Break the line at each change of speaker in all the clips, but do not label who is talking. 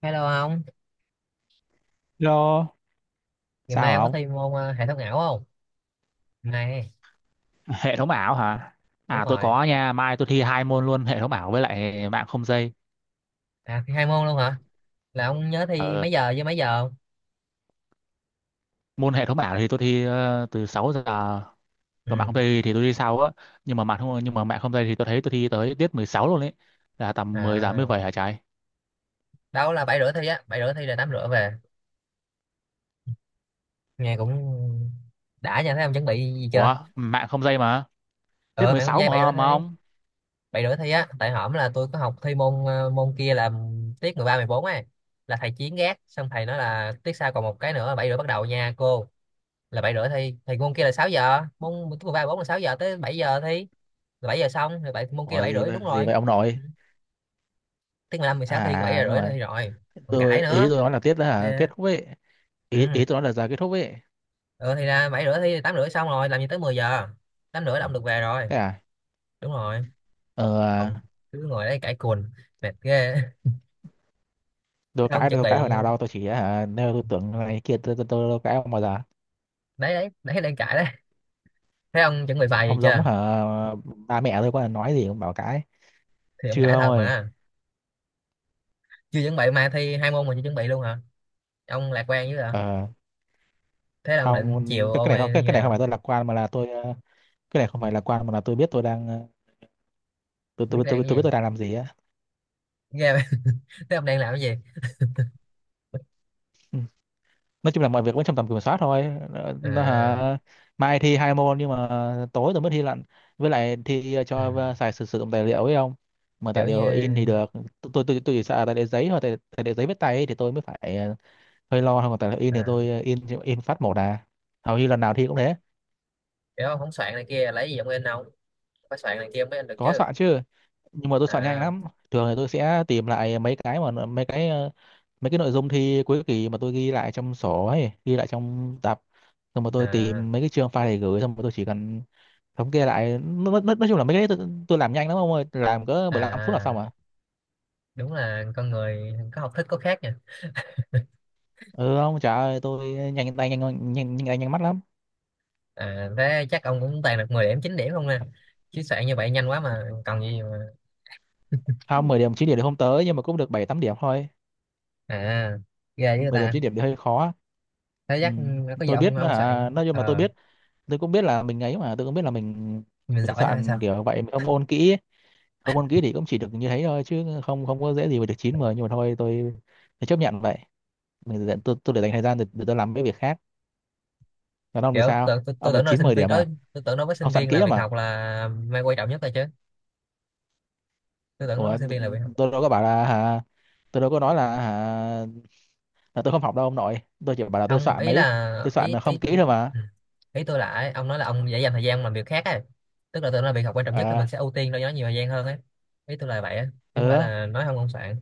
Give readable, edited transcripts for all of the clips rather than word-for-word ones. Hello ông,
Hello,
ngày
sao
mai
hả
ông có
ông?
thi môn hệ thống ảo không? Này,
Hệ thống ảo hả?
đúng
À tôi
rồi.
có nha, mai tôi thi hai môn luôn, hệ thống ảo với lại mạng không dây.
À, thi hai môn luôn hả? Là ông nhớ thi
Ờ,
mấy giờ với mấy giờ không?
Môn hệ thống ảo thì tôi thi từ 6 giờ, còn mạng
Ừ.
không dây thì tôi đi sau á. Nhưng mà mạng không dây thì tôi thấy tôi thi tới tiết 16 luôn ấy, là tầm 10 giờ mới
À,
về hả trái?
đâu là bảy rưỡi thi á, bảy rưỡi thi là tám rưỡi về. Nghe cũng đã nha, thấy ông chuẩn bị gì chưa?
Ủa, mạng không dây mà, tiết
Ờ,
mười
mẹ con
sáu
dây
mà mà ông.
bảy rưỡi thi á. Tại hổm là tôi có học thi môn môn kia là tiết 13, bốn ấy. Là thầy Chiến gác, xong thầy nói là tiết sau còn một cái nữa, bảy rưỡi bắt đầu nha cô. Là bảy rưỡi thi thì môn kia là 6 giờ, môn môn thứ ba bốn là 6 giờ tới 7 giờ thi, là 7 giờ xong rồi bảy môn kia là
Ủa
7 rưỡi, đúng
gì
rồi.
vậy ông nội?
Ừ, tiếng 15 mười sáu thi 7
À
giờ
đúng
rưỡi là
rồi.
thi rồi, còn
Tôi
cãi
ý
nữa.
tôi nói là tiết đó hả? Kết
Yeah.
thúc ấy. Ý
Ừ.
ý tôi nói là giờ kết thúc ấy.
Ừ thì ra 7 rưỡi thi thì 8 rưỡi xong rồi, làm gì tới 10 giờ, 8 rưỡi là ông được về rồi,
Thế à?
đúng rồi.
Ờ,
Còn cứ ngồi đấy cãi cùn, mệt ghê.
đâu
Thế ông
cãi
chuẩn
đâu
bị,
cãi hồi nào đâu, tôi chỉ hả nêu tôi tưởng này kia, tôi đâu cãi ông bao giờ.
đấy đấy đấy đang cãi đấy, thế ông chuẩn bị bài gì
Ông giống
chưa?
hả ba mẹ tôi, có là nói gì cũng bảo cãi.
Thì ông
Chưa
cãi
ông
thật
ơi.
mà. Chưa chuẩn bị mai thi hai môn mà chưa chuẩn bị luôn hả? Ông lạc quan dữ hả?
Ờ
Thế là ông định
không
chiều
cái, cái
ôn
này
hay
không cái,
như
Cái này không
nào?
phải tôi lạc quan mà là tôi, cái này không phải lạc quan mà là tôi biết tôi đang, tôi
Biết
tôi
đang
tôi,
cái gì,
tôi biết tôi đang làm gì á.
nghe vậy? Thế ông đang làm cái gì?
Ừ, nói chung là mọi việc vẫn trong tầm kiểm soát thôi. Ờ, nó,
À,
hả, mai thi hai môn nhưng mà tối tôi mới thi lận, với lại thi ờ,
ừ.
cho ờ, xài sử sử dụng tài liệu ấy không, mà tài
Kiểu như,
liệu in thì được. Tôi chỉ sợ tài liệu giấy hoặc tài liệu giấy viết tay ấy, thì tôi mới phải hơi lo không, tại là in thì
à,
tôi, in phát một à, hầu như lần nào thi cũng thế.
kiểu ông không soạn này kia lấy gì ông in, ông phải soạn này kia mới in được
Có
chứ.
soạn chứ, nhưng mà tôi soạn nhanh
À,
lắm. Thường thì tôi sẽ tìm lại mấy cái mà mấy cái nội dung thi cuối kỳ mà tôi ghi lại trong sổ ấy, ghi lại trong tập, xong rồi tôi
à,
tìm mấy cái chương file để gửi, xong rồi tôi chỉ cần thống kê lại. Nói chung là mấy cái đấy tôi làm nhanh lắm ông ơi, làm cỡ 15 phút là xong
à
à.
đúng là con người có học thức có khác nha.
Ừ không, trời ơi tôi nhanh tay, nhanh mắt lắm.
À, thế chắc ông cũng toàn được 10 điểm 9 điểm không nè. Chứ soạn như vậy nhanh quá mà còn gì mà.
Không, mười điểm chín điểm thì không tới, nhưng mà cũng được 7 8 điểm thôi.
À, ghê với
Mười điểm
ta.
9 điểm thì hơi khó.
Thế
Ừ.
chắc có gì
Tôi biết nó
ông
hả,
soạn
nói chung là tôi biết, tôi cũng biết là mình ấy mà, tôi cũng biết là
mình
mình
giỏi hay sao?
soạn kiểu vậy mình không ôn kỹ ấy. Không ôn kỹ thì cũng chỉ được như thế thôi, chứ không không có dễ gì mà được chín mười. Nhưng mà thôi tôi chấp nhận vậy. Tôi để dành thời gian để tôi làm mấy việc khác. Còn ông thì
Kiểu
sao,
tôi, tôi, tôi
ông được
tưởng nó là
chín
sinh
mười
viên
điểm
đó,
à?
tôi tưởng nó với
Ông
sinh
soạn
viên
kỹ
là
lắm
việc
mà.
học là mày quan trọng nhất rồi chứ. Tôi tưởng nó với
Ủa,
sinh viên là việc,
tôi đâu có bảo là hả, tôi đâu có nói là hả, là tôi không học đâu ông nội. Tôi chỉ bảo là tôi
không
soạn
ý
ấy,
là
tôi soạn
ý
là
ý
không kỹ
ừ.
thôi mà.
Ý tôi là ấy, ông nói là ông dễ dành thời gian làm việc khác ấy, tức là tôi nói là việc học quan trọng nhất thì mình
À
sẽ ưu tiên cho nó nhiều thời gian hơn ấy. Ý tôi là vậy á, chứ không phải
ừ,
là nói không ông soạn.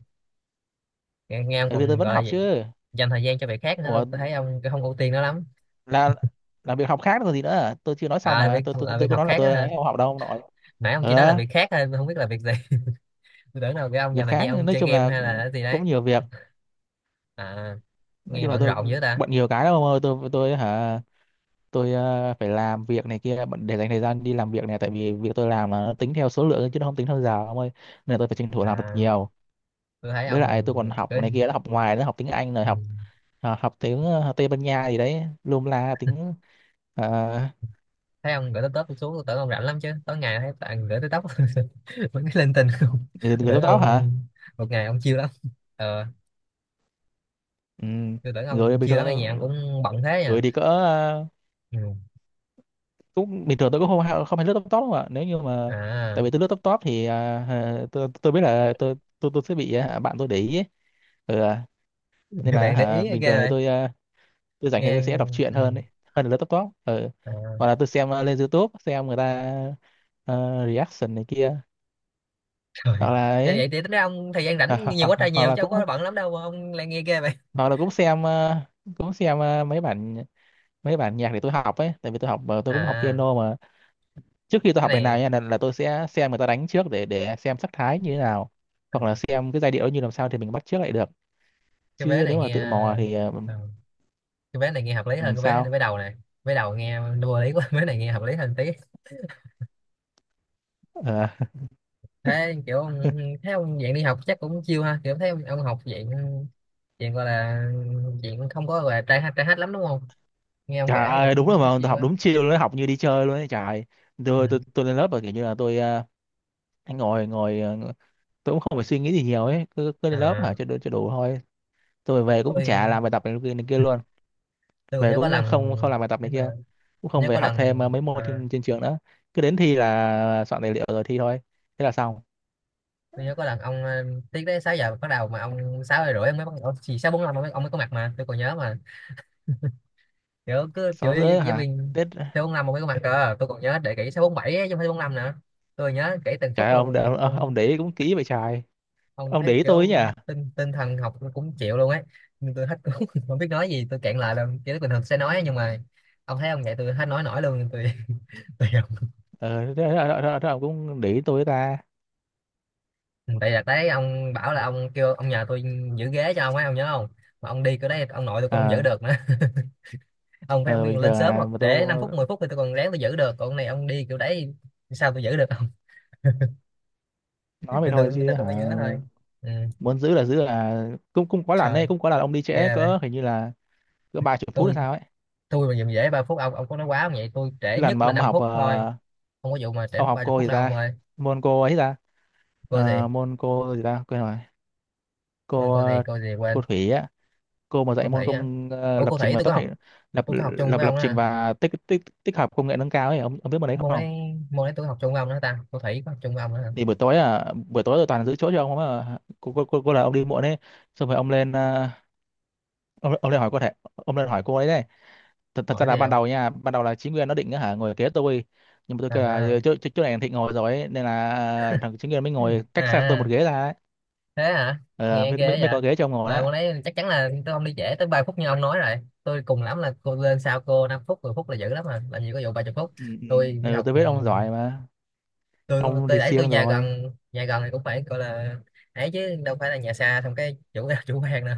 Nghe ông
thế thì tôi
còn
vẫn
gọi
học
là gì?
chứ.
Dành thời gian cho việc khác nữa, tôi
Ủa,
tôi thấy ông không ưu tiên nó lắm.
là là việc học khác rồi gì nữa à? Tôi chưa nói xong
À,
mà,
việc
tôi tôi
là việc
tôi có
học
nói là
khác á
tôi ấy
hả?
không học đâu ông nội.
Nãy ông chỉ nói là
ờ
việc khác thôi, tôi không biết là việc gì. Tôi tưởng đâu cái ông dành
Việc
thời
khác
gian ông
nói
chơi
chung
game
là
hay là cái gì
cũng
đấy.
nhiều việc.
À,
Nói
nghe
chung là
bận
tôi
rộn dữ ta.
bận nhiều cái lắm ông ơi. Tôi phải làm việc này kia, để dành thời gian đi làm việc này, tại vì việc tôi làm là nó tính theo số lượng chứ nó không tính theo giờ ông ơi, nên là tôi phải tranh thủ làm thật
À,
nhiều.
tôi thấy
Với
ông
lại tôi còn học
cứ
này kia, học ngoài nữa, học tiếng Anh rồi
ừ.
học học tiếng Tây Ban Nha gì đấy, lum la tiếng, ờ,
Thấy ông gửi tới tớp, tôi xuống tôi tưởng ông rảnh lắm chứ, tối ngày thấy bạn gửi tới tóc vẫn cái lên tình không.
người
Tôi
người
tưởng
tóc tóc hả.
ông một ngày ông chiêu lắm. Ờ,
Ừ.
tôi tưởng ông
Rồi bình
chiêu lắm ở nhà ông
thường,
cũng bận thế
rồi
nha.
thì cỡ,
Ừ.
cũng bình thường, tôi cũng không không hay lướt top top không ạ, nếu như mà
À,
tại vì tôi lướt top top thì à, hả, tôi biết là tôi sẽ bị à, bạn tôi để ý ấy. Ừ, à, nên là
bạn để
hả,
ý
bình
ghê
thường thì
vậy.
tôi à, tôi rảnh thì
Nghe
tôi sẽ đọc truyện
ừ.
hơn ấy, hơn là lướt top top. Ừ.
À,
Hoặc là tôi xem à, lên YouTube xem người ta à, reaction này kia,
trời.
hoặc là
Nên vậy
ấy.
thì tính ra ông thời gian
hoặc,
rảnh nhiều
hoặc,
quá
hoặc
trời
hoặc
nhiều
là
chứ không
cũng,
có bận lắm đâu mà ông lại nghe ghê vậy.
hoặc là cũng xem à, mấy bản, mấy bản nhạc để tôi học ấy, tại vì tôi học à, tôi cũng học
À,
piano mà. Trước khi tôi học
cái
bài nào
này
nha, là tôi sẽ xem người ta đánh trước để xem sắc thái như thế nào,
ờ,
hoặc là xem cái giai điệu như làm sao thì mình bắt chước lại được.
cái vé
Chứ
này
nếu mà
nghe
tự mò thì
ờ, cái vé này nghe hợp lý hơn cái vé
sao.
vé đầu này. Vé đầu nghe vô lý quá, vé này nghe hợp lý hơn tí.
Ờ,
Thế kiểu ông- thấy ông dạng đi học chắc cũng chill ha, kiểu thấy ông học dạng, dạng gọi là, dạng không có gọi là trai hát lắm đúng không? Nghe ông
trời
kể thấy
ơi đúng
cũng
rồi,
cũng
mà tôi
chill
học
ấy.
đúng chiều luôn ấy, học như đi chơi luôn ấy trời ơi.
Ừ.
Tôi lên lớp và kiểu như là tôi ngồi ngồi tôi cũng không phải suy nghĩ gì nhiều ấy, cứ cứ lên lớp hả
À,
cho đủ thôi. Tôi về cũng
tôi
chả làm bài tập này kia luôn.
tôi còn
Về
nhớ có
cũng
lần,
không không làm bài tập
thế
này
mà
kia, cũng không
nhớ
về
có
học
lần,
thêm mấy môn
à,
trên trên trường nữa, cứ đến thi là soạn tài liệu rồi thi thôi, thế là xong.
tôi nhớ có lần ông tiết đấy 6 giờ bắt đầu mà ông 6 giờ rưỡi ông mới bắt đầu, chỉ sáu bốn năm ông mới có mặt mà tôi còn nhớ mà, kiểu cứ chửi
Sáu
giáo
rưỡi
giáo
hả?
viên.
Tết,
6 năm ông mới có mặt cơ, tôi còn nhớ để kỹ sáu bốn bảy chứ không phải bốn năm nữa. Tôi nhớ kỹ từng
trời
phút
ơi,
luôn ông.
ông để ý cũng kỹ vậy trời.
Không
Ông để
thấy
ý tôi ấy
kiểu
nhỉ.
tinh tinh thần học tôi cũng chịu luôn ấy, nhưng tôi hết cũng không biết nói gì, tôi cạn lại là kiểu bình thường sẽ nói ấy, nhưng mà ông thấy ông vậy tôi hết nói nổi luôn nên tôi tôi không.
Thế ông cũng để ý tôi ấy ta.
Tại là đấy ông bảo là ông kêu ông nhờ tôi giữ ghế cho ông ấy ông nhớ không? Mà ông đi cái đấy ông nội tôi cũng không giữ
ờ
được nữa. Ông phải ông
ờ,
đi
Bình
lên
thường
sớm
à,
hoặc
mà
trễ 5
tôi
phút 10 phút thì tôi còn ráng tôi giữ được, còn ông này ông đi kiểu đấy sao tôi giữ được không?
nói vậy
Nên
thôi
tôi,
chứ
nên tôi
hả,
mới nhớ thôi. Ừ.
muốn giữ là cũng, cũng có lần đấy,
Trời,
cũng có lần ông đi trễ
ghê vậy.
cỡ, hình như là cỡ ba chục phút hay
tôi
sao ấy.
tôi mà dùm dễ ba phút, ông có nói quá không vậy, tôi
Cái
trễ
lần
nhất
mà
là
ông
5
học
phút thôi, không có vụ mà trễ
ông
mất
học
30
cô
phút
gì
đâu ông
ta,
ơi.
môn cô ấy ta,
cô gì
Ờ, môn cô gì ta quên rồi,
quên
cô
cô gì cô gì
cô
quên.
Thủy á, cô mà dạy
Cô
môn
thủy hả?
công
Ủa
lập
cô
trình
thủy
và
tôi có
tích hợp,
học,
lập
tôi có học chung
lập
với
lập
ông đó
trình
hả?
và tích tích tích hợp công nghệ nâng cao ấy, ông biết môn đấy
Môn
không?
đấy, môn đấy tôi học chung với ông đó ta, cô thủy có học chung với ông đó hả?
Thì buổi tối à, buổi tối tôi toàn giữ chỗ cho ông mà, cô là ông đi muộn đấy. Xong rồi ông lên ông lên hỏi cô thể ông lên hỏi cô ấy đấy. Thật ra
Hỏi
là
gì
ban
không?
đầu nha, ban đầu là Chính Nguyên nó định á hả ngồi kế tôi, nhưng mà tôi kêu là
À,
chỗ chỗ chỗ này Thịnh ngồi rồi ấy, nên là ờ, thằng Chính Nguyên mới ngồi
à,
cách xa tôi một
à.
ghế ra ấy.
Thế hả?
Ờ,
Nghe
mới, mới
ghê
mới
vậy.
có ghế cho ông ngồi
Mà
đó.
môn đấy chắc chắn là tôi không đi trễ tới 30 phút như ông nói rồi, tôi cùng lắm là cô lên sau cô 5 phút 10 phút là dữ lắm, mà làm gì có vụ 30
ừ,
phút.
ừ,
Tôi đi học
tôi
ừ,
biết ông giỏi mà,
tôi
ông
tôi
thì
đấy tôi
siêng
nhà
rồi.
gần, nhà gần thì cũng phải gọi là ấy chứ đâu phải là nhà xa xong cái chủ chủ quan nữa.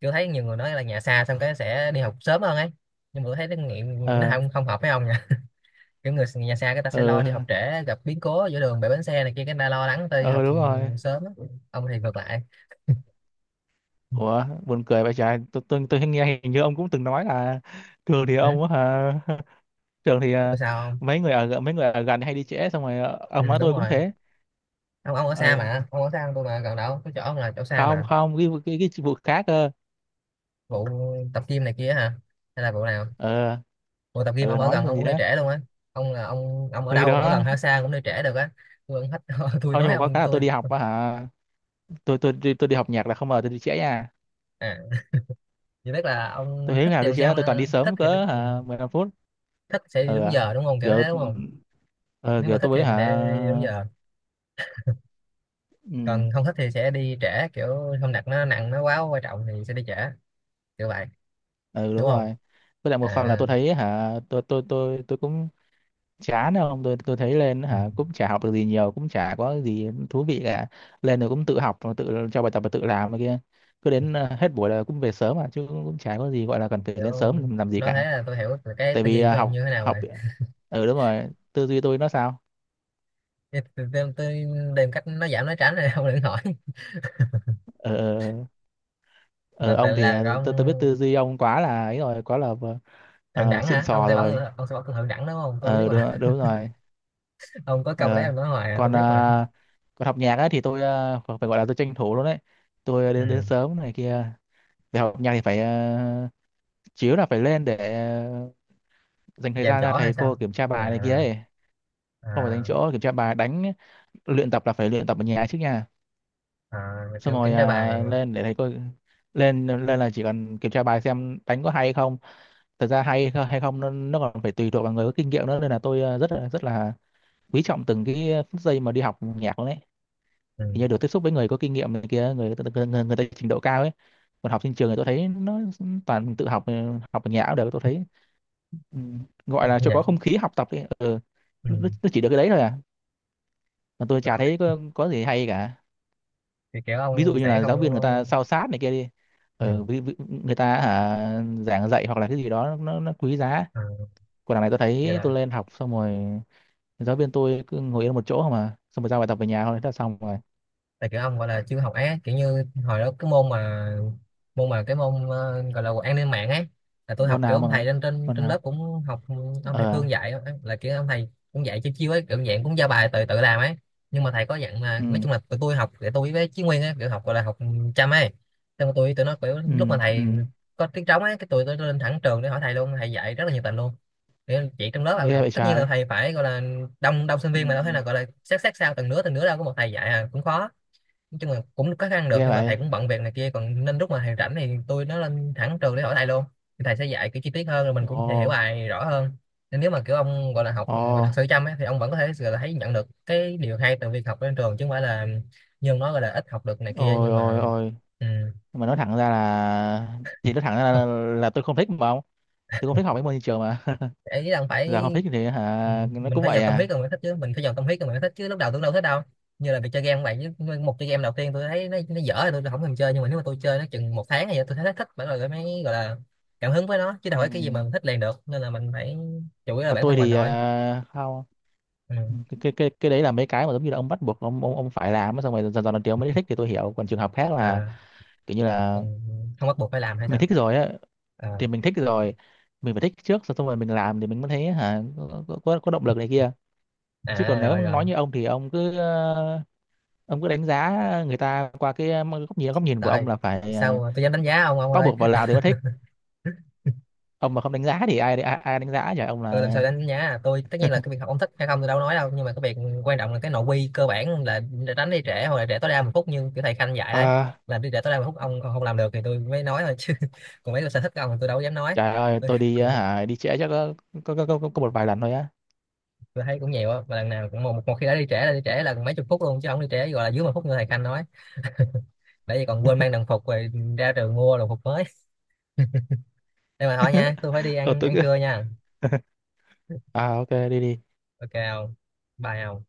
Tôi thấy nhiều người nói là nhà xa xong cái sẽ đi học sớm hơn ấy, nhưng mà tôi thấy nó nghiệm nó
Ờ.
không không hợp với ông nha. Kiểu người nhà xa người ta sẽ lo đi
Ừ,
học trễ gặp biến cố giữa đường bể bánh xe này kia cái người ta lo lắng tới đi học
ừ đúng rồi.
sớm á. Ông thì ngược lại.
Ủa buồn cười vậy trời, tôi nghe hình như ông cũng từng nói là trường thì
Ừ?
ông á hả. Trường thì à,
Tôi sao không?
mấy người ở gần hay đi trễ, xong rồi ờ,
Ừ,
ông nói
đúng
tôi cũng
rồi.
thế.
Ông ở xa
Ừ.
mà, ông ở xa hơn tôi mà, gần đâu, tôi chỗ ông là chỗ xa
Không
mà.
không cái cái vụ khác cơ.
Vụ tập gym này kia hả, hay là vụ nào?
Ừ.
Ủa tập gym
Ừ
ông ở
nói
gần
cái
ông
gì
cũng đi
đó.
trễ luôn á? Ông là ông ở
Ừ, thì
đâu, ông ở
đó.
gần hay xa cũng đi trễ được á. Tôi ông thích tôi
Không, nhưng
nói
mà có
ông
cái là tôi
tôi,
đi học á hả, tôi đi học nhạc là không ngờ tôi đi trễ nha.
à, chỉ biết là
Tôi
ông
thấy
thích
nào
thì
đi
ông sẽ
trễ,
không,
tôi toàn đi
thích
sớm
thì đúng,
cỡ
ừ,
hả 15 phút.
thích sẽ đi
Ừ
đúng
à.
giờ đúng không, kiểu
Kiểu
thế đúng
ừ,
không?
ừ,
Nếu
kiểu
mà thích
tôi với
thì mình
hả.
sẽ đi đúng giờ,
Ừ.
còn không thích thì sẽ đi trễ, kiểu không đặt nó nặng nó quá quan trọng thì sẽ đi trễ, kiểu vậy
Ừ đúng
đúng không?
rồi. Với lại một phần là
À
tôi thấy hả, tôi cũng chán không, tôi thấy lên
ừ,
hả cũng chả học được gì nhiều, cũng chả có gì thú vị cả. Lên rồi cũng tự học, rồi tự cho bài tập và tự làm này kia, cứ đến hết buổi là cũng về sớm mà, chứ cũng, cũng chả có gì gọi là cần phải lên
kiểu
sớm làm gì
nói thế
cả.
là tôi hiểu là cái
Tại
tư
vì
duy
ờ,
của ông như
học
thế nào
học,
rồi.
ừ đúng rồi, tư duy tôi nó sao.
Tôi tìm cách nó giảm nói tránh rồi, ông đừng hỏi
ờ ờ, ờ,
mà,
ông thì
là
tôi biết tư
ông
duy ông quá là ấy rồi, quá là
thượng đẳng
xịn
hả, ông
sò
sẽ bảo
rồi.
tôi, ông sẽ bảo tôi thượng đẳng đúng không, tôi biết
Ờ đúng,
mà.
đúng rồi.
Ông có câu đấy
Ờ,
ông nói hoài à, tôi
Còn à,
biết mà.
còn học nhạc ấy thì tôi à, phải phải gọi là tôi tranh thủ luôn đấy. Tôi à, đến đến
Ừ.
sớm này kia để học nhạc thì phải à, chiếu là phải lên để à, dành thời
Dàn
gian ra
trỏ hay
thầy
sao?
cô kiểm tra
À,
bài này kia ấy. Không phải dành
à,
chỗ, kiểm tra bài đánh, luyện tập là phải luyện tập ở nhà trước nha,
à,
xong
kiểu
rồi
kiểm tra
à,
bài.
lên để thầy cô, lên lên là chỉ cần kiểm tra bài xem đánh có hay hay không. Thật ra hay hay không nó, nó còn phải tùy thuộc vào người có kinh nghiệm nữa, nên là tôi à, rất là quý trọng từng cái phút giây mà đi học nhạc luôn đấy.
Ừ.
Thì như được tiếp xúc với người có kinh nghiệm này kia, người ta trình độ cao ấy. Còn học trên trường thì tôi thấy nó toàn tự học học ở nhà cũng được tôi thấy, ừ, gọi là cho
Dạ,
có không khí học tập ấy. Ừ.
ừ.
Nó chỉ được cái đấy thôi à, mà tôi chả thấy có gì hay cả.
Kiểu kiểu
Ví dụ
ông
như
sẽ
là
không,
giáo viên người ta sao sát này kia đi,
ừ.
ừ, ví, ví, người ta hả, giảng dạy hoặc là cái gì đó nó quý giá.
À,
Còn đằng này tôi
vậy
thấy
là
tôi lên học xong rồi giáo viên tôi cứ ngồi yên một chỗ mà, xong rồi giao bài tập về nhà thôi, thế là xong rồi.
là kiểu ông gọi là chưa học á, kiểu như hồi đó cái môn mà, môn mà cái môn gọi là an ninh mạng ấy, là tôi
Môn
học kiểu
nào
ông
mà
thầy
nói,
trên trên
môn
trên
nào?
lớp cũng học ừ, ông thầy
ờ
Phương dạy á, là kiểu ông thầy cũng dạy chiêu chiêu ấy, kiểu dạng cũng giao bài tự tự làm ấy. Nhưng mà thầy có dặn là
ừ.
nói chung là tụi tôi học, để tôi với Chí Nguyên ấy kiểu học gọi là học chăm ấy, xong rồi tôi tụi nó kiểu
Ừ,
lúc mà
ừ,
thầy có tiếng trống ấy cái tụi tôi lên thẳng trường để hỏi thầy luôn, thầy dạy rất là nhiệt tình luôn. Kiểu chỉ trong lớp là
ghê
học,
vậy
tất nhiên là
trái.
thầy phải gọi là đông đông sinh
Ừ.
viên mà, đâu thế nào gọi là xét xét sao từng đứa từng đứa, đâu có một thầy dạy à, cũng khó. Nói chung là cũng có khăn được,
Ghê
nhưng mà thầy
vậy.
cũng bận việc này kia còn, nên lúc mà thầy rảnh thì tôi nó lên thẳng trường để hỏi thầy luôn, thì thầy sẽ dạy kiểu chi tiết hơn rồi mình cũng
Ồ.
sẽ hiểu bài rõ hơn. Nên nếu mà kiểu ông gọi là học
Ồ.
thật sự chăm ấy, thì ông vẫn có thể gọi là thấy nhận được cái điều hay từ việc học trên trường, chứ không phải là như ông nói gọi là ít học được này kia,
Ôi
nhưng
ôi
mà
ôi,
ừ.
mà nói thẳng ra là, chị nói thẳng ra là tôi không thích mà không, tôi không thích học mấy môn như trường mà.
Ý là phải
Giờ không thích thì
ừ,
hả nó
mình
cũng
phải
vậy
dồn tâm
à.
huyết rồi mới thích chứ, mình phải dồn tâm huyết rồi mới thích chứ, lúc đầu tôi đâu thích đâu. Như là việc chơi game cũng vậy, chứ một chơi game đầu tiên tôi thấy nó dở rồi tôi không thèm chơi, nhưng mà nếu mà tôi chơi nó chừng một tháng thì tôi thấy nó thích bởi, rồi mới gọi là cảm hứng với nó, chứ đâu
Ừ.
phải cái gì mà mình thích liền được, nên là mình phải chủ yếu là
Còn
bản
tôi
thân mình
thì
thôi.
à, không.
Ừ.
Ừ, cái đấy là mấy cái mà giống như là ông bắt buộc ông phải làm á, xong rồi dần dần lần tiếng mới thích thì tôi hiểu, còn trường hợp khác là
À,
kiểu như là
còn không bắt buộc phải làm hay
mình
sao?
thích rồi á
À,
thì mình thích rồi, mình phải thích trước xong rồi mình làm thì mình mới thấy hả có có động lực này kia. Chứ
à
còn nếu
rồi rồi.
nói như ông thì ông cứ đánh giá người ta qua cái góc nhìn của ông
Trời,
là phải
sao tôi dám đánh giá ông
bắt
ơi.
buộc vào Lào thì mới thích. Ông mà không đánh giá thì ai ai, ai đánh giá trời, ông
Ừ, làm sao
là
đánh giá, tôi tất nhiên là cái việc học ông thích hay không tôi đâu nói đâu, nhưng mà cái việc quan trọng là cái nội quy cơ bản là đánh đi trễ hoặc là trễ tối đa một phút như kiểu thầy Khanh dạy đấy,
à,
là đi trễ tối đa một phút ông không làm được thì tôi mới nói thôi chứ. Còn mấy cái sở thích của ông thì tôi đâu dám nói.
trời ơi
Tôi,
tôi đi
cũng-
hả đi trễ chắc có có một vài lần thôi á.
tôi thấy cũng nhiều á, và lần nào cũng một, một khi đã đi trễ là mấy chục phút luôn, chứ không đi trễ gọi là dưới một phút như thầy Khanh nói. Bởi vì còn quên mang đồng phục rồi ra trường mua đồng phục mới. Đây mà thôi nha, tôi phải đi
Ờ
ăn
tôi
ăn
cứ.
trưa nha.
À ok đi đi.
Ok không? Bye không?